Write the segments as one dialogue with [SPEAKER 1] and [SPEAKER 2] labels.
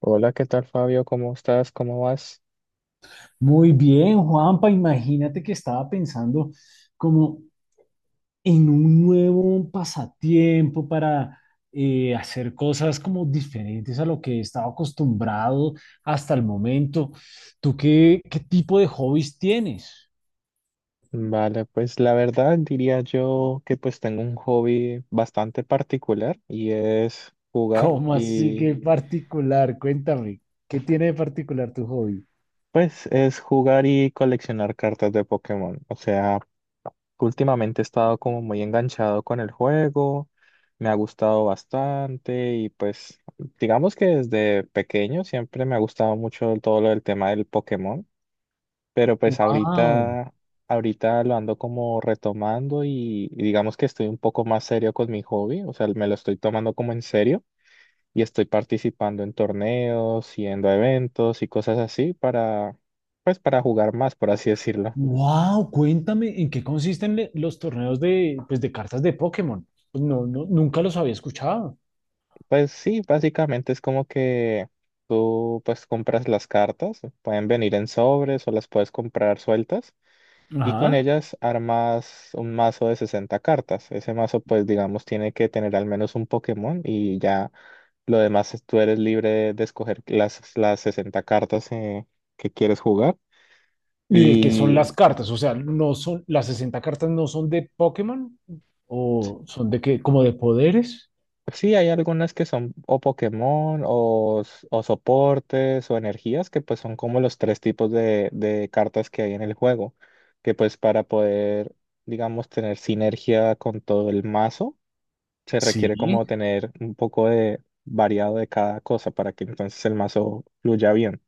[SPEAKER 1] Hola, ¿qué tal Fabio? ¿Cómo estás? ¿Cómo vas?
[SPEAKER 2] Muy bien, Juanpa, imagínate que estaba pensando como en un nuevo pasatiempo para hacer cosas como diferentes a lo que he estado acostumbrado hasta el momento. ¿Tú qué tipo de hobbies tienes?
[SPEAKER 1] Vale, pues la verdad diría yo que pues tengo un hobby bastante particular y es jugar
[SPEAKER 2] ¿Cómo así
[SPEAKER 1] y
[SPEAKER 2] que particular? Cuéntame, ¿qué tiene de particular tu hobby?
[SPEAKER 1] pues es jugar y coleccionar cartas de Pokémon. O sea, últimamente he estado como muy enganchado con el juego, me ha gustado bastante y pues digamos que desde pequeño siempre me ha gustado mucho todo lo del tema del Pokémon. Pero pues
[SPEAKER 2] Wow,
[SPEAKER 1] ahorita lo ando como retomando y digamos que estoy un poco más serio con mi hobby, o sea, me lo estoy tomando como en serio y estoy participando en torneos, yendo a eventos y cosas así pues para jugar más, por así decirlo.
[SPEAKER 2] wow, cuéntame en qué consisten los torneos de, pues, de cartas de Pokémon. Pues no, nunca los había escuchado.
[SPEAKER 1] Pues sí, básicamente es como que tú pues compras las cartas, pueden venir en sobres o las puedes comprar sueltas. Y con
[SPEAKER 2] Ajá.
[SPEAKER 1] ellas armas un mazo de 60 cartas. Ese mazo, pues digamos, tiene que tener al menos un Pokémon y ya lo demás tú eres libre de escoger las 60 cartas que quieres jugar.
[SPEAKER 2] ¿Y de qué son
[SPEAKER 1] Y
[SPEAKER 2] las cartas? O sea, no son, las 60 cartas no son de Pokémon o son de qué, como de poderes.
[SPEAKER 1] sí, hay algunas que son o Pokémon o soportes o energías que pues son como los tres tipos de cartas que hay en el juego, que pues para poder, digamos, tener sinergia con todo el mazo se requiere
[SPEAKER 2] Sí.
[SPEAKER 1] como tener un poco de variado de cada cosa para que entonces el mazo fluya bien.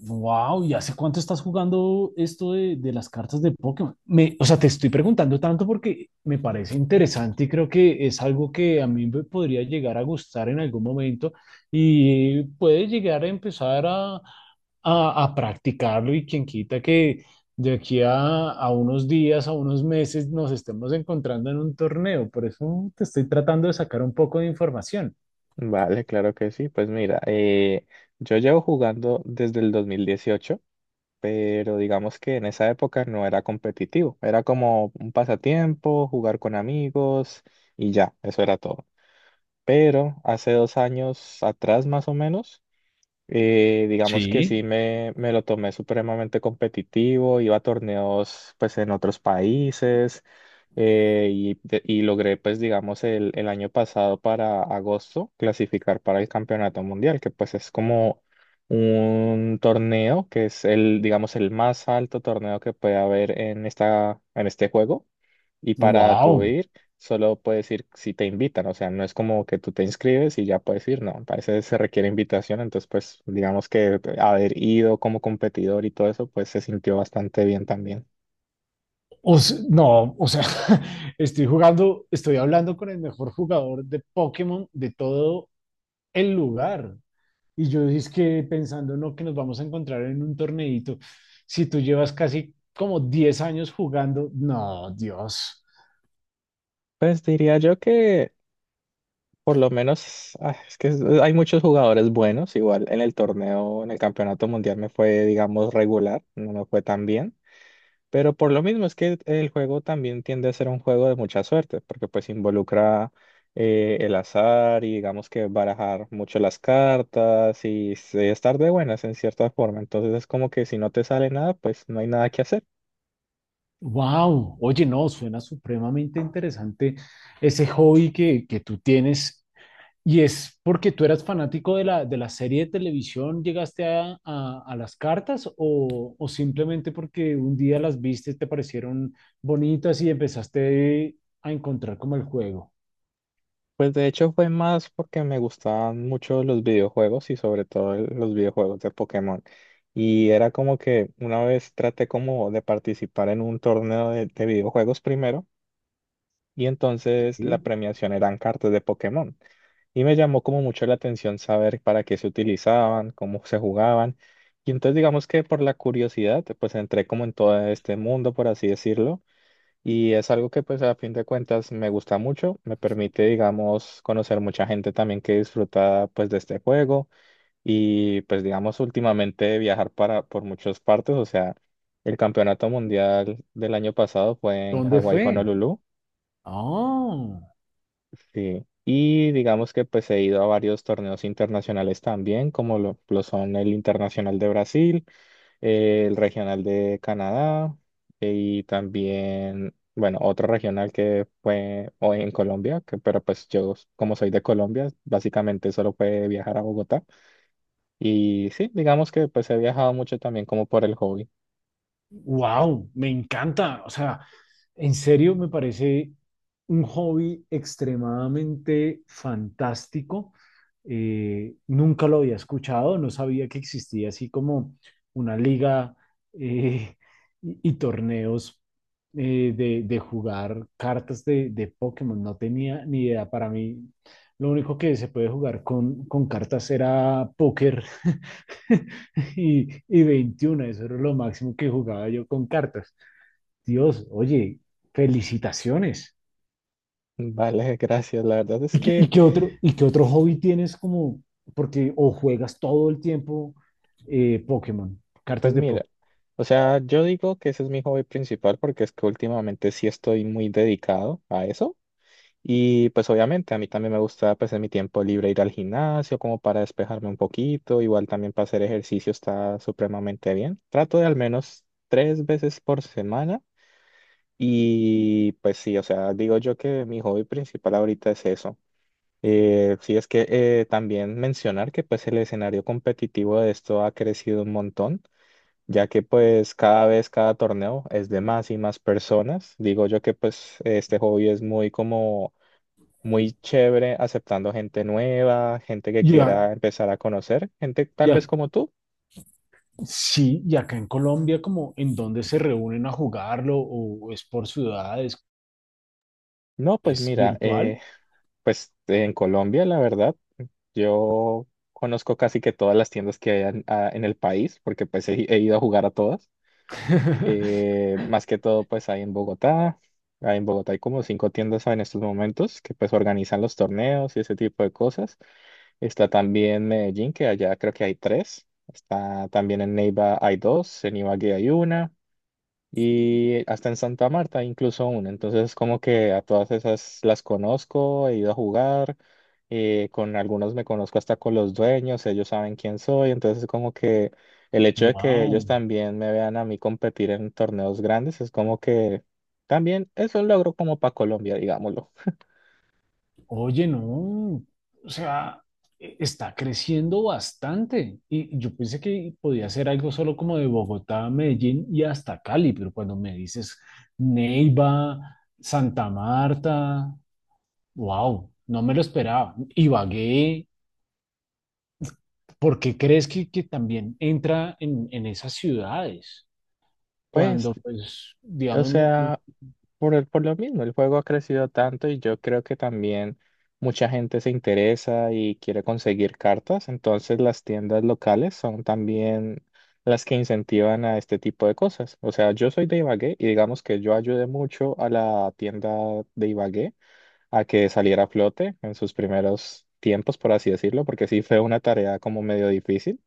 [SPEAKER 2] Wow, ¿y hace cuánto estás jugando esto de las cartas de Pokémon? Me, o sea, te estoy preguntando tanto porque me parece interesante y creo que es algo que a mí me podría llegar a gustar en algún momento y puede llegar a empezar a practicarlo y quien quita que de aquí a unos días, a unos meses nos estemos encontrando en un torneo. Por eso te estoy tratando de sacar un poco de información.
[SPEAKER 1] Vale, claro que sí. Pues mira, yo llevo jugando desde el 2018, pero digamos que en esa época no era competitivo. Era como un pasatiempo, jugar con amigos y ya, eso era todo. Pero hace 2 años atrás más o menos. Y digamos que
[SPEAKER 2] Sí.
[SPEAKER 1] sí me lo tomé supremamente competitivo, iba a torneos pues en otros países y, de- y logré pues digamos el año pasado para agosto clasificar para el Campeonato Mundial, que pues es como un torneo que es, el digamos, el más alto torneo que puede haber en este juego. Y para tú
[SPEAKER 2] Wow.
[SPEAKER 1] ir, solo puedes ir si te invitan, o sea, no es como que tú te inscribes y ya puedes ir, no, para veces se requiere invitación, entonces pues digamos que haber ido como competidor y todo eso, pues se sintió bastante bien también.
[SPEAKER 2] No, o sea, estoy jugando, estoy hablando con el mejor jugador de Pokémon de todo el lugar. Y yo es que pensando, no, que nos vamos a encontrar en un torneito. Si tú llevas casi como 10 años jugando, no, Dios.
[SPEAKER 1] Pues diría yo que por lo menos, es que hay muchos jugadores buenos, igual en el torneo, en el campeonato mundial me fue, digamos, regular, no me fue tan bien. Pero por lo mismo es que el juego también tiende a ser un juego de mucha suerte, porque pues involucra, el azar y digamos que barajar mucho las cartas y estar de buenas en cierta forma. Entonces es como que si no te sale nada, pues no hay nada que hacer.
[SPEAKER 2] Wow, oye, no, suena supremamente interesante ese hobby que tú tienes. Y es porque tú eras fanático de de la serie de televisión, llegaste a las cartas o simplemente porque un día las viste, te parecieron bonitas y empezaste a encontrar como el juego.
[SPEAKER 1] Pues de hecho fue más porque me gustaban mucho los videojuegos y sobre todo los videojuegos de Pokémon. Y era como que una vez traté como de participar en un torneo de videojuegos primero y entonces la
[SPEAKER 2] ¿Sí?
[SPEAKER 1] premiación eran cartas de Pokémon. Y me llamó como mucho la atención saber para qué se utilizaban, cómo se jugaban. Y entonces digamos que por la curiosidad, pues entré como en todo este mundo, por así decirlo. Y es algo que pues a fin de cuentas me gusta mucho, me permite, digamos, conocer mucha gente también que disfruta pues de este juego y pues digamos últimamente viajar para por muchas partes, o sea, el campeonato mundial del año pasado fue en
[SPEAKER 2] ¿Dónde
[SPEAKER 1] Hawái,
[SPEAKER 2] fue?
[SPEAKER 1] Honolulu.
[SPEAKER 2] Ah.
[SPEAKER 1] Sí, y digamos que pues he ido a varios torneos internacionales también, como lo son el Internacional de Brasil, el Regional de Canadá, y también, bueno, otro regional que fue hoy en Colombia, que, pero pues yo como soy de Colombia, básicamente solo pude viajar a Bogotá. Y sí, digamos que pues he viajado mucho también como por el hobby.
[SPEAKER 2] Wow, me encanta. O sea, en serio me parece un hobby extremadamente fantástico. Nunca lo había escuchado, no sabía que existía así como una liga eh, y torneos de jugar cartas de Pokémon. No tenía ni idea. Para mí, lo único que se puede jugar con cartas era póker. Y, y 21, eso era lo máximo que jugaba yo con cartas. Dios, oye, felicitaciones.
[SPEAKER 1] Vale, gracias. La verdad es
[SPEAKER 2] ¿Y y
[SPEAKER 1] que,
[SPEAKER 2] qué y qué otro hobby tienes como, porque o juegas todo el tiempo Pokémon,
[SPEAKER 1] pues
[SPEAKER 2] cartas de
[SPEAKER 1] mira,
[SPEAKER 2] Pokémon?
[SPEAKER 1] o sea, yo digo que ese es mi hobby principal porque es que últimamente sí estoy muy dedicado a eso. Y pues obviamente a mí también me gusta pues en mi tiempo libre ir al gimnasio como para despejarme un poquito, igual también para hacer ejercicio está supremamente bien. Trato de al menos tres veces por semana y pues sí, o sea, digo yo que mi hobby principal ahorita es eso. Sí, es que también mencionar que pues el escenario competitivo de esto ha crecido un montón, ya que pues cada vez, cada torneo es de más y más personas. Digo yo que pues este hobby es muy como muy chévere, aceptando gente nueva, gente que
[SPEAKER 2] Ya,
[SPEAKER 1] quiera empezar a conocer, gente tal vez
[SPEAKER 2] ya,
[SPEAKER 1] como tú.
[SPEAKER 2] sí, y acá en Colombia, como en dónde se reúnen a jugarlo o es por ciudades,
[SPEAKER 1] No, pues
[SPEAKER 2] es
[SPEAKER 1] mira,
[SPEAKER 2] virtual.
[SPEAKER 1] pues en Colombia, la verdad, yo conozco casi que todas las tiendas que hay en el país, porque pues he ido a jugar a todas. Más que todo, pues ahí en Bogotá. Ahí en Bogotá hay como cinco tiendas en estos momentos que pues organizan los torneos y ese tipo de cosas. Está también Medellín, que allá creo que hay tres. Está también en Neiva hay dos, en Ibagué hay una. Y hasta en Santa Marta incluso una. Entonces como que a todas esas las conozco, he ido a jugar, con algunos me conozco hasta con los dueños, ellos saben quién soy. Entonces como que el hecho de que ellos
[SPEAKER 2] Wow.
[SPEAKER 1] también me vean a mí competir en torneos grandes es como que también es un logro como para Colombia, digámoslo.
[SPEAKER 2] Oye, no, o sea, está creciendo bastante. Y yo pensé que podía ser algo solo como de Bogotá, Medellín y hasta Cali, pero cuando me dices Neiva, Santa Marta, wow, no me lo esperaba. Ibagué, ¿por qué crees que también entra en esas ciudades?
[SPEAKER 1] Pues,
[SPEAKER 2] Cuando, pues,
[SPEAKER 1] o
[SPEAKER 2] digamos, no, no,
[SPEAKER 1] sea, por lo mismo, el juego ha crecido tanto y yo creo que también mucha gente se interesa y quiere conseguir cartas, entonces las tiendas locales son también las que incentivan a este tipo de cosas. O sea, yo soy de Ibagué y digamos que yo ayudé mucho a la tienda de Ibagué a que saliera a flote en sus primeros tiempos, por así decirlo, porque sí fue una tarea como medio difícil,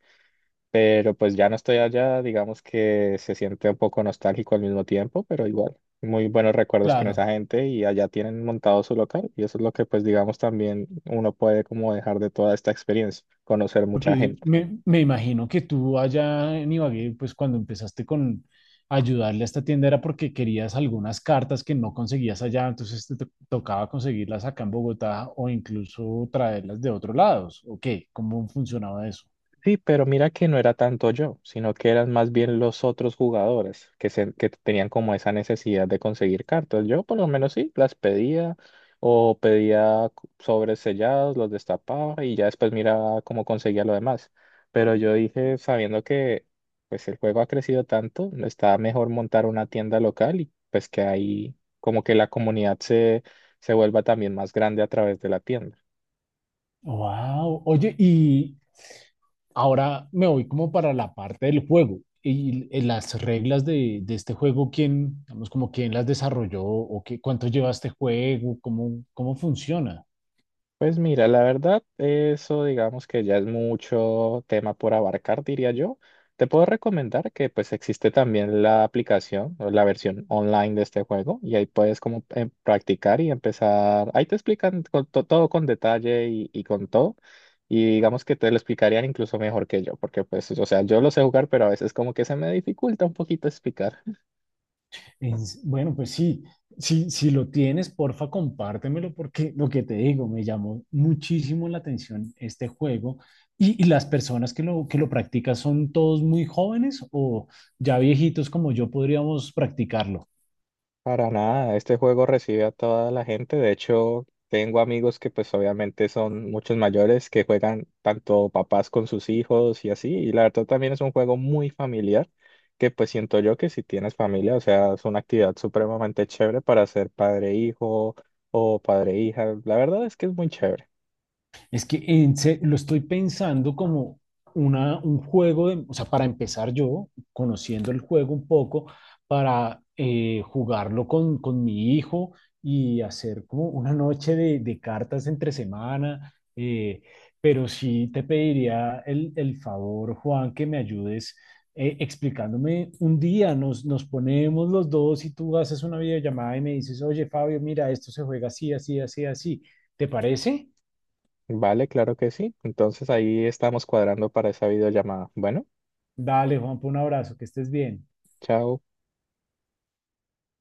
[SPEAKER 1] pero pues ya no estoy allá, digamos que se siente un poco nostálgico al mismo tiempo, pero igual, muy buenos recuerdos con esa
[SPEAKER 2] claro.
[SPEAKER 1] gente y allá tienen montado su local y eso es lo que pues digamos también uno puede como dejar de toda esta experiencia, conocer mucha
[SPEAKER 2] Porque
[SPEAKER 1] gente.
[SPEAKER 2] me imagino que tú allá en Ibagué, pues cuando empezaste con ayudarle a esta tienda era porque querías algunas cartas que no conseguías allá, entonces te tocaba conseguirlas acá en Bogotá o incluso traerlas de otros lados. ¿O qué? ¿Cómo funcionaba eso?
[SPEAKER 1] Sí, pero mira que no era tanto yo, sino que eran más bien los otros jugadores que tenían como esa necesidad de conseguir cartas. Yo por lo menos sí, las pedía o pedía sobres sellados, los destapaba y ya después miraba cómo conseguía lo demás. Pero yo dije, sabiendo que pues el juego ha crecido tanto, está mejor montar una tienda local y pues que ahí como que la comunidad se vuelva también más grande a través de la tienda.
[SPEAKER 2] Wow. Oye, y ahora me voy como para la parte del juego. Y las reglas de este juego, ¿quién, digamos, como quién las desarrolló o qué, cuánto lleva este juego? ¿Cómo, cómo funciona?
[SPEAKER 1] Pues mira, la verdad, eso digamos que ya es mucho tema por abarcar, diría yo. Te puedo recomendar que pues existe también la aplicación o la versión online de este juego y ahí puedes como practicar y empezar. Ahí te explican con todo con detalle y con todo. Y digamos que te lo explicarían incluso mejor que yo, porque pues, o sea, yo lo sé jugar, pero a veces como que se me dificulta un poquito explicar.
[SPEAKER 2] Bueno, pues sí, si lo tienes, porfa, compártemelo porque lo que te digo, me llamó muchísimo la atención este juego. Y las personas que que lo practican son todos muy jóvenes o ya viejitos como yo podríamos practicarlo?
[SPEAKER 1] Para nada, este juego recibe a toda la gente. De hecho, tengo amigos que pues obviamente son muchos mayores que juegan tanto papás con sus hijos y así. Y la verdad también es un juego muy familiar que pues siento yo que si tienes familia, o sea, es una actividad supremamente chévere para ser padre-hijo o padre-hija. La verdad es que es muy chévere.
[SPEAKER 2] Es que en lo estoy pensando como una, un juego de, o sea, para empezar yo, conociendo el juego un poco, para jugarlo con mi hijo y hacer como una noche de cartas entre semana. Pero sí te pediría el favor, Juan, que me ayudes explicándome un día. Nos, nos ponemos los dos y tú haces una videollamada y me dices, oye, Fabio, mira, esto se juega así, así, así, así. ¿Te parece?
[SPEAKER 1] Vale, claro que sí. Entonces ahí estamos cuadrando para esa videollamada. Bueno,
[SPEAKER 2] Dale, Juanpa, un abrazo, que estés bien.
[SPEAKER 1] chao.